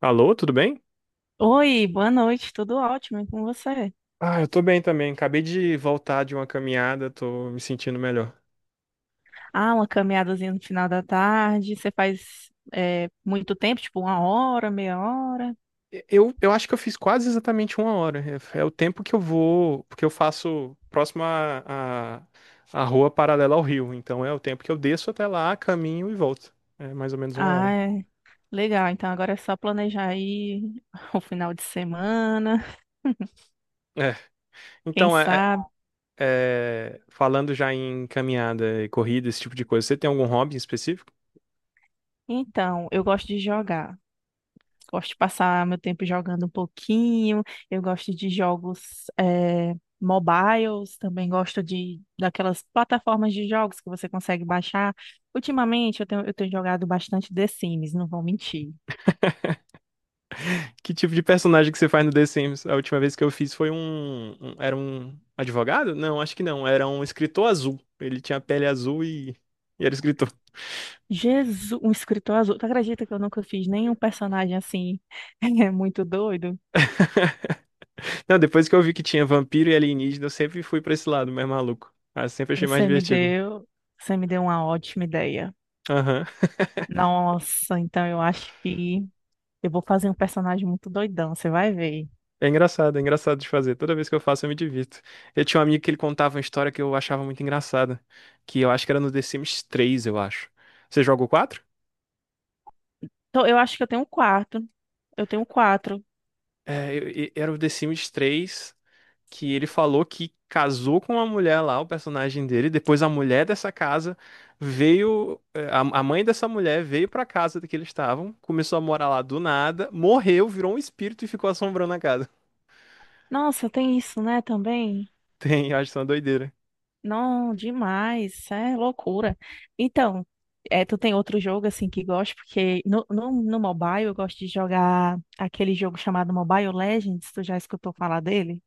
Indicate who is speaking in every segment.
Speaker 1: Alô, tudo bem?
Speaker 2: Oi, boa noite, tudo ótimo, e com você?
Speaker 1: Ah, eu tô bem também. Acabei de voltar de uma caminhada, tô me sentindo melhor.
Speaker 2: Ah, uma caminhadazinha no final da tarde, você faz é, muito tempo, tipo uma hora, meia hora?
Speaker 1: Eu acho que eu fiz quase exatamente uma hora. É o tempo que eu vou, porque eu faço próximo à rua paralela ao rio. Então é o tempo que eu desço até lá, caminho e volto. É mais ou menos uma
Speaker 2: Ah,
Speaker 1: hora.
Speaker 2: é, legal, então agora é só planejar aí o final de semana,
Speaker 1: É.
Speaker 2: quem
Speaker 1: Então, é,
Speaker 2: sabe?
Speaker 1: é, Falando já em caminhada e corrida, esse tipo de coisa, você tem algum hobby específico?
Speaker 2: Então, eu gosto de jogar, gosto de passar meu tempo jogando um pouquinho. Eu gosto de jogos mobiles, também gosto de daquelas plataformas de jogos que você consegue baixar. Ultimamente eu tenho jogado bastante The Sims, não vou mentir.
Speaker 1: Que tipo de personagem que você faz no The Sims? A última vez que eu fiz foi Era um advogado? Não, acho que não. Era um escritor azul. Ele tinha pele e era escritor.
Speaker 2: Jesus, um escritor azul. Tu acredita que eu nunca fiz nenhum personagem assim? É muito doido.
Speaker 1: Não, depois que eu vi que tinha vampiro e alienígena, eu sempre fui pra esse lado mais maluco. Ah, sempre achei mais
Speaker 2: Você me
Speaker 1: divertido.
Speaker 2: deu, você me deu uma ótima ideia.
Speaker 1: Aham.
Speaker 2: Nossa, então eu acho que eu vou fazer um personagem muito doidão, você vai ver.
Speaker 1: É engraçado de fazer. Toda vez que eu faço, eu me divirto. Eu tinha um amigo que ele contava uma história que eu achava muito engraçada, que eu acho que era no The Sims 3, eu acho. Você joga o quatro?
Speaker 2: Então, eu acho que eu tenho um quarto. Eu tenho quatro.
Speaker 1: Era o The Sims 3 que ele falou que casou com uma mulher lá, o personagem dele. Depois a mulher dessa casa veio, a mãe dessa mulher veio pra casa que eles estavam, começou a morar lá do nada, morreu, virou um espírito e ficou assombrando a casa.
Speaker 2: Nossa, tem isso, né, também?
Speaker 1: Tem, eu acho que é uma doideira.
Speaker 2: Não, demais. Isso é loucura. Então, é, tu tem outro jogo, assim, que gosta? Porque no mobile eu gosto de jogar aquele jogo chamado Mobile Legends. Tu já escutou falar dele?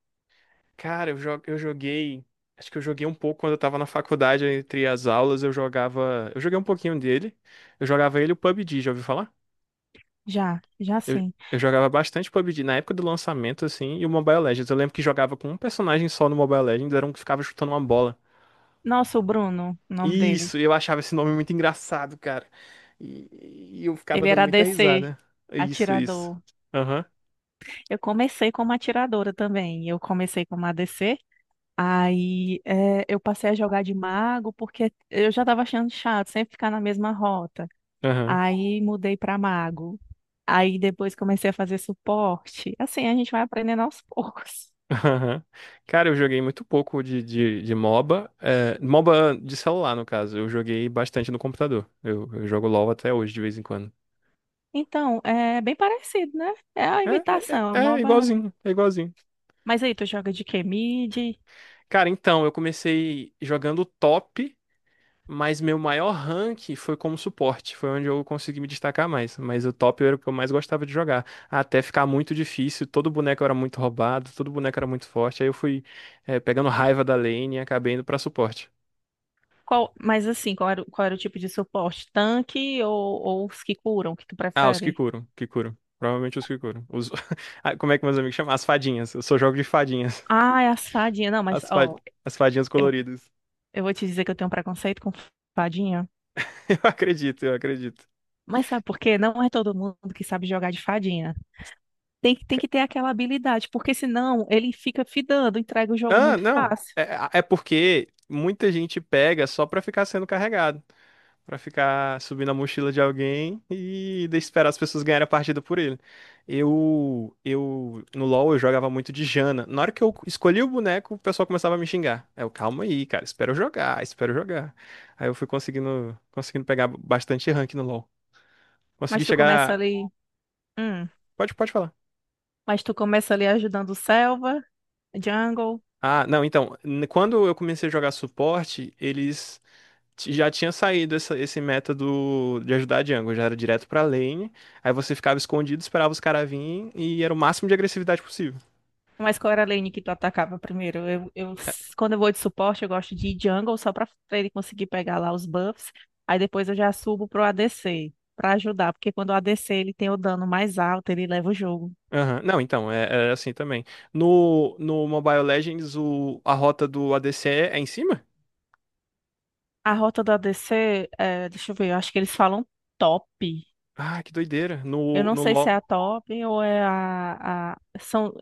Speaker 1: Cara, eu joguei. Acho que eu joguei um pouco quando eu tava na faculdade, entre as aulas, eu jogava. Eu joguei um pouquinho dele. Eu jogava ele e o PUBG, já ouviu falar?
Speaker 2: Já, já
Speaker 1: Eu,
Speaker 2: sim.
Speaker 1: eu jogava bastante PUBG na época do lançamento, assim, e o Mobile Legends. Eu lembro que jogava com um personagem só no Mobile Legends, era um que ficava chutando uma bola.
Speaker 2: Nossa, o Bruno, o nome
Speaker 1: Isso,
Speaker 2: dele.
Speaker 1: eu achava esse nome muito engraçado, cara. E eu ficava
Speaker 2: Ele
Speaker 1: dando
Speaker 2: era
Speaker 1: muita
Speaker 2: ADC,
Speaker 1: risada. Isso, isso.
Speaker 2: atirador.
Speaker 1: Aham,
Speaker 2: Eu comecei como atiradora também. Eu comecei como ADC. Eu passei a jogar de mago porque eu já estava achando chato sempre ficar na mesma rota.
Speaker 1: aham.
Speaker 2: Aí mudei para mago. Aí depois comecei a fazer suporte. Assim, a gente vai aprendendo aos poucos.
Speaker 1: Aham. Cara, eu joguei muito pouco de MOBA. É, MOBA de celular, no caso. Eu joguei bastante no computador. Eu jogo LOL até hoje, de vez em quando.
Speaker 2: Então, é bem parecido, né? É a
Speaker 1: É, é,
Speaker 2: imitação, é
Speaker 1: é
Speaker 2: uma
Speaker 1: é
Speaker 2: oba-
Speaker 1: igualzinho, é igualzinho.
Speaker 2: Mas aí, tu joga de quê? Mid?
Speaker 1: Cara, então, eu comecei jogando top, mas meu maior rank foi como suporte. Foi onde eu consegui me destacar mais. Mas o top era o que eu mais gostava de jogar. Até ficar muito difícil, todo boneco era muito roubado, todo boneco era muito forte. Aí eu fui pegando raiva da lane e acabei indo pra suporte.
Speaker 2: Qual... Mas assim, qual era o tipo de suporte? Tanque ou os que curam, que tu
Speaker 1: Ah, os que
Speaker 2: prefere?
Speaker 1: curam, que curam. Provavelmente os que curam. Os... Ah, como é que meus amigos chamam? As fadinhas. Eu só jogo de fadinhas.
Speaker 2: Ah, é as fadinhas. Não, mas
Speaker 1: As, fa...
Speaker 2: ó,
Speaker 1: As fadinhas coloridas.
Speaker 2: eu vou te dizer que eu tenho um preconceito com fadinha.
Speaker 1: Eu acredito, eu acredito.
Speaker 2: Mas sabe por quê? Não é todo mundo que sabe jogar de fadinha. Tem
Speaker 1: Ca-
Speaker 2: que ter aquela habilidade, porque senão ele fica fidando, entrega o jogo
Speaker 1: Ah,
Speaker 2: muito
Speaker 1: não.
Speaker 2: fácil.
Speaker 1: É porque muita gente pega só pra ficar sendo carregado. Pra ficar subindo a mochila de alguém e esperar as pessoas ganharem a partida por ele. No LoL eu jogava muito de Jana. Na hora que eu escolhi o boneco, o pessoal começava a me xingar. Eu, calma aí, cara, espero jogar, espero jogar. Aí eu fui conseguindo, conseguindo pegar bastante rank no LoL. Consegui
Speaker 2: Mas tu começa
Speaker 1: chegar.
Speaker 2: ali. hum,
Speaker 1: Pode, pode falar.
Speaker 2: mas tu começa ali ajudando o Selva, Jungle.
Speaker 1: Ah, não, então, quando eu comecei a jogar suporte, eles já tinha saído essa, esse método de ajudar a jungle, já era direto pra lane, aí você ficava escondido, esperava os caras virem e era o máximo de agressividade possível.
Speaker 2: Mas qual era a lane que tu atacava primeiro? Eu, eu-
Speaker 1: É,
Speaker 2: quando eu vou de suporte, eu gosto de ir Jungle só pra ele conseguir pegar lá os buffs. Aí depois eu já subo pro ADC pra ajudar, porque quando o ADC ele tem o dano mais alto, ele leva o jogo.
Speaker 1: aham. Não, então, era assim também. No Mobile Legends, o, a rota do ADC é em cima?
Speaker 2: A rota do ADC, é, deixa eu ver, eu acho que eles falam top.
Speaker 1: Ah, que doideira.
Speaker 2: Eu
Speaker 1: No,
Speaker 2: não
Speaker 1: no
Speaker 2: sei se é
Speaker 1: LoL,
Speaker 2: a top ou é a. São...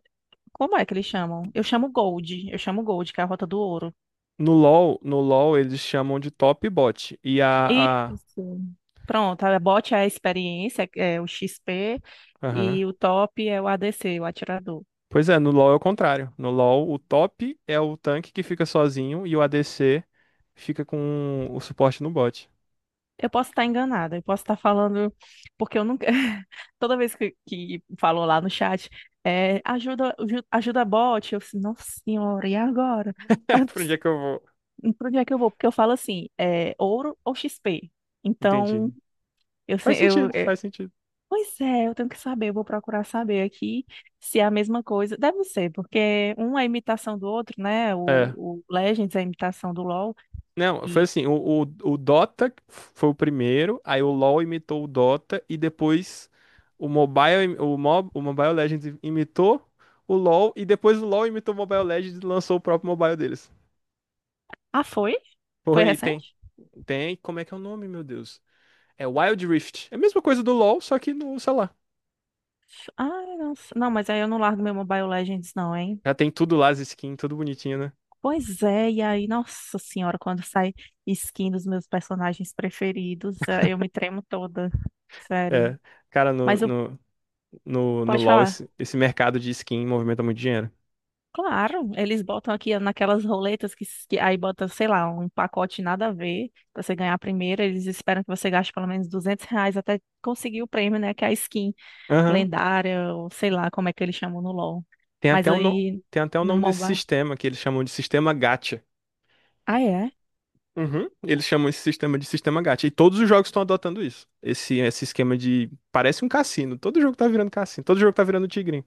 Speaker 2: Como é que eles chamam? Eu chamo Gold. Eu chamo Gold, que é a Rota do Ouro.
Speaker 1: no LoL, no LoL eles chamam de top bot. E
Speaker 2: Isso. Pronto, a bot é a experiência, é o XP,
Speaker 1: aham.
Speaker 2: e o top é o ADC, o atirador.
Speaker 1: Pois é, no LoL é o contrário. No LoL, o top é o tanque que fica sozinho e o ADC fica com o suporte no bot.
Speaker 2: Eu posso estar enganada, eu posso estar falando, porque eu nunca. Toda vez que falou lá no chat, é, ajuda, ajuda a bot, eu disse, nossa senhora, e agora? Ah,
Speaker 1: Pra onde é que eu vou?
Speaker 2: pra onde é que eu vou? Porque eu falo assim, é ouro ou XP.
Speaker 1: Entendi.
Speaker 2: Então. Eu, se-
Speaker 1: Faz
Speaker 2: eu,
Speaker 1: sentido,
Speaker 2: é,
Speaker 1: faz sentido.
Speaker 2: pois é, eu tenho que saber, eu vou procurar saber aqui se é a mesma coisa. Deve ser, porque um é imitação do outro, né?
Speaker 1: É.
Speaker 2: O Legends é imitação do LoL
Speaker 1: Não, foi
Speaker 2: e...
Speaker 1: assim, o Dota foi o primeiro, aí o LoL imitou o Dota e depois o Mobile Legends imitou o LoL e depois o LoL imitou o Mobile Legends e lançou o próprio mobile deles.
Speaker 2: Ah, foi? Foi
Speaker 1: Foi, tem.
Speaker 2: recente?
Speaker 1: Tem, como é que é o nome, meu Deus? É Wild Rift. É a mesma coisa do LoL, só que no, sei lá.
Speaker 2: Ah, nossa. Não, mas aí eu não largo meu Mobile Legends não, hein?
Speaker 1: Já tem tudo lá, as skins, tudo bonitinho, né?
Speaker 2: Pois é, e aí, nossa senhora, quando sai skin dos meus personagens preferidos, eu me tremo toda. Sério.
Speaker 1: É. Cara, no,
Speaker 2: Mas eu...
Speaker 1: no, no, no
Speaker 2: Pode
Speaker 1: LoL
Speaker 2: falar.
Speaker 1: esse mercado de skin movimenta muito dinheiro.
Speaker 2: Claro, eles botam aqui naquelas roletas que aí bota, sei lá, um pacote nada a ver, pra você ganhar a primeira, eles esperam que você gaste pelo menos R$ 200 até conseguir o prêmio, né, que é a skin
Speaker 1: Aham.
Speaker 2: lendária, ou sei lá como é que eles chamam no LoL.
Speaker 1: Tem
Speaker 2: Mas
Speaker 1: até um no-
Speaker 2: aí,
Speaker 1: Tem até o
Speaker 2: no
Speaker 1: nome desse
Speaker 2: mobile...
Speaker 1: sistema que eles chamam de sistema gacha.
Speaker 2: Ah, é?
Speaker 1: Uhum. Eles chamam esse sistema de sistema gacha. E todos os jogos estão adotando isso. Esse esquema de. Parece um cassino. Todo jogo tá virando cassino. Todo jogo tá virando tigrinho.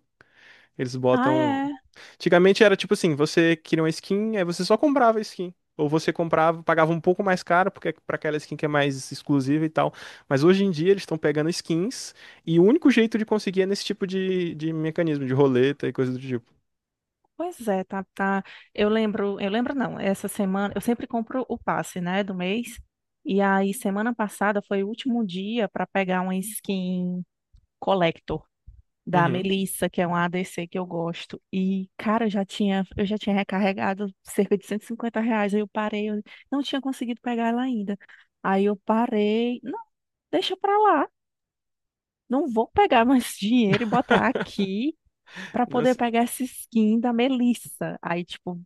Speaker 1: Eles
Speaker 2: Ah,
Speaker 1: botam.
Speaker 2: é?
Speaker 1: Antigamente era tipo assim, você queria uma skin, aí você só comprava a skin. Ou você comprava, pagava um pouco mais caro, porque é pra aquela skin que é mais exclusiva e tal. Mas hoje em dia eles estão pegando skins, e o único jeito de conseguir é nesse tipo de mecanismo, de roleta e coisa do tipo.
Speaker 2: Pois é, tá, tá. Eu lembro não, essa semana, eu sempre compro o passe, né, do mês, e aí semana passada foi o último dia pra pegar uma skin... Collector da
Speaker 1: Uhum.
Speaker 2: Melissa, que é um ADC que eu gosto. E, cara, eu já tinha recarregado cerca de R$ 150. Aí eu parei, eu não tinha conseguido pegar ela ainda. Aí eu parei, não, deixa pra lá. Não vou pegar mais dinheiro e botar aqui pra
Speaker 1: Não,
Speaker 2: poder pegar essa skin da Melissa. Aí, tipo,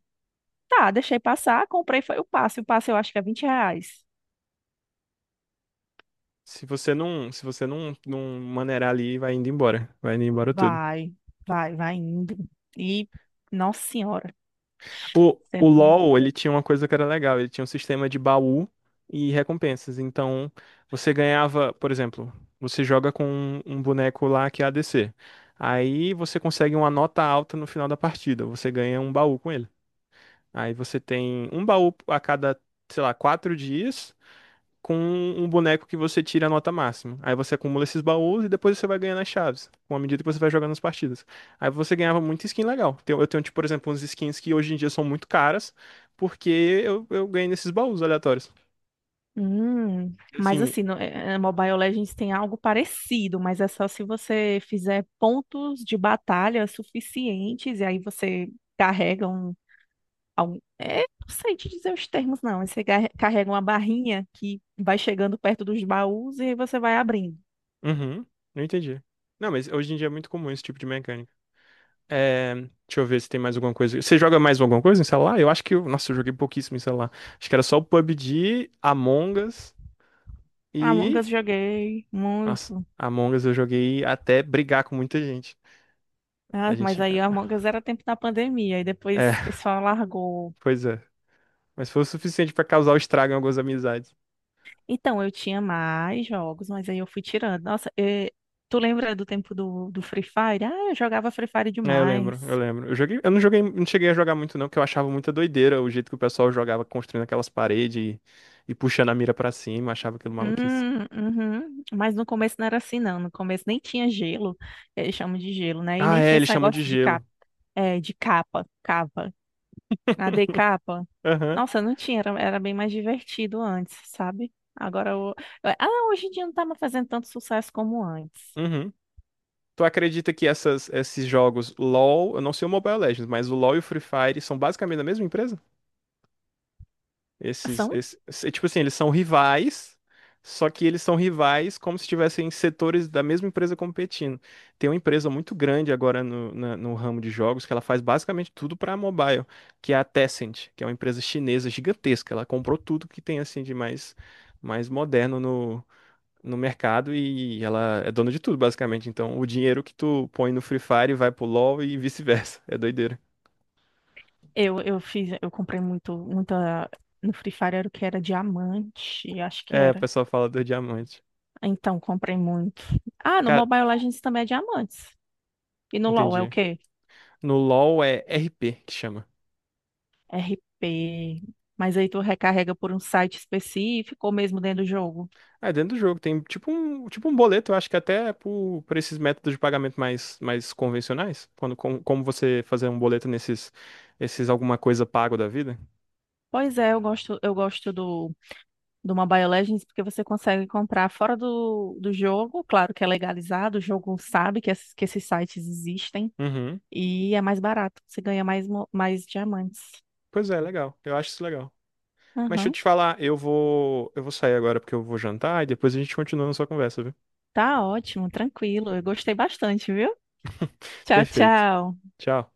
Speaker 2: tá, deixei passar, comprei, foi o passe. O passe eu acho que é R$ 20.
Speaker 1: se você não, se você não, não maneirar ali, vai indo embora. Vai indo embora tudo.
Speaker 2: Vai, vai indo. E, nossa senhora.
Speaker 1: O LoL, ele tinha uma coisa que era legal, ele tinha um sistema de baú e recompensas. Então, você ganhava, por exemplo, você joga com um boneco lá que é ADC. Aí você consegue uma nota alta no final da partida, você ganha um baú com ele. Aí você tem um baú a cada, sei lá, quatro dias com um boneco que você tira a nota máxima. Aí você acumula esses baús e depois você vai ganhando as chaves, com a medida que você vai jogando as partidas. Aí você ganhava muita skin legal. Eu tenho, tipo, por exemplo, uns skins que hoje em dia são muito caras, porque eu ganhei nesses baús aleatórios. E
Speaker 2: Mas
Speaker 1: assim,
Speaker 2: assim, no, eh, eh, Mobile Legends tem algo parecido, mas é só se você fizer pontos de batalha suficientes e aí você carrega um, é, não sei te dizer os termos não, mas você carrega uma barrinha que vai chegando perto dos baús e aí você vai abrindo.
Speaker 1: uhum, não entendi. Não, mas hoje em dia é muito comum esse tipo de mecânica. É, deixa eu ver se tem mais alguma coisa. Você joga mais alguma coisa em celular? Eu acho que. Eu- Nossa, eu joguei pouquíssimo em celular. Acho que era só o PUBG, Among Us
Speaker 2: Among
Speaker 1: e
Speaker 2: Us joguei
Speaker 1: Nossa,
Speaker 2: muito,
Speaker 1: Among Us eu joguei até brigar com muita gente. A
Speaker 2: ah, mas
Speaker 1: gente.
Speaker 2: aí Among Us era tempo da pandemia e
Speaker 1: É,
Speaker 2: depois o pessoal largou.
Speaker 1: pois é. Mas foi o suficiente pra causar o estrago em algumas amizades.
Speaker 2: Então, eu tinha mais jogos, mas aí eu fui tirando. Nossa, tu lembra do tempo do Free Fire? Ah, eu jogava Free Fire
Speaker 1: É, eu lembro, eu
Speaker 2: demais.
Speaker 1: lembro. Eu joguei, eu não joguei, não cheguei a jogar muito não, porque eu achava muita doideira o jeito que o pessoal jogava construindo aquelas paredes e puxando a mira pra cima, eu achava aquilo maluquice.
Speaker 2: Uhum. Mas no começo não era assim, não. No começo nem tinha gelo, eles chamam de gelo, né? E
Speaker 1: Ah,
Speaker 2: nem
Speaker 1: é,
Speaker 2: tinha
Speaker 1: eles
Speaker 2: esse
Speaker 1: chamam de
Speaker 2: negócio de capa,
Speaker 1: gelo.
Speaker 2: é, de capa, AD capa.
Speaker 1: Aham.
Speaker 2: Nossa, não tinha, era, era bem mais divertido antes, sabe? Agora, o- ah, hoje em dia não tá mais fazendo tanto sucesso como antes.
Speaker 1: Uhum. Tu acredita que essas, esses jogos LoL, eu não sei o Mobile Legends, mas o LoL e o Free Fire são basicamente da mesma empresa? Esses,
Speaker 2: São.
Speaker 1: esse- é tipo assim, eles são rivais, só que eles são rivais como se estivessem setores da mesma empresa competindo. Tem uma empresa muito grande agora no ramo de jogos que ela faz basicamente tudo para mobile, que é a Tencent, que é uma empresa chinesa gigantesca. Ela comprou tudo que tem assim de mais, mais moderno no mercado e ela é dona de tudo, basicamente. Então, o dinheiro que tu põe no Free Fire vai pro LoL e vice-versa. É doideira.
Speaker 2: Eu comprei muito, muita no Free Fire era o que era diamante, acho que
Speaker 1: É, o
Speaker 2: era.
Speaker 1: pessoal fala do diamante.
Speaker 2: Então, comprei muito. Ah, no
Speaker 1: Cara,
Speaker 2: Mobile Legends também é diamantes. E no LoL é o
Speaker 1: entendi.
Speaker 2: quê?
Speaker 1: No LoL é RP que chama.
Speaker 2: RP. Mas aí tu recarrega por um site específico ou mesmo dentro do jogo.
Speaker 1: Ah, é dentro do jogo, tem tipo um boleto, eu acho que até é por esses métodos de pagamento mais, mais convencionais, quando como você fazer um boleto nesses esses alguma coisa pago da vida.
Speaker 2: Pois é, eu gosto do Mobile Legends porque você consegue comprar fora do jogo. Claro que é legalizado, o jogo sabe que esses sites existem.
Speaker 1: Uhum.
Speaker 2: E é mais barato, você ganha mais, mais diamantes.
Speaker 1: Pois é, legal. Eu acho isso legal. Mas deixa eu
Speaker 2: Aham.
Speaker 1: te falar, eu vou sair agora porque eu vou jantar e depois a gente continua a nossa conversa, viu?
Speaker 2: Tá ótimo, tranquilo. Eu gostei bastante, viu? Tchau,
Speaker 1: Perfeito.
Speaker 2: tchau.
Speaker 1: Tchau.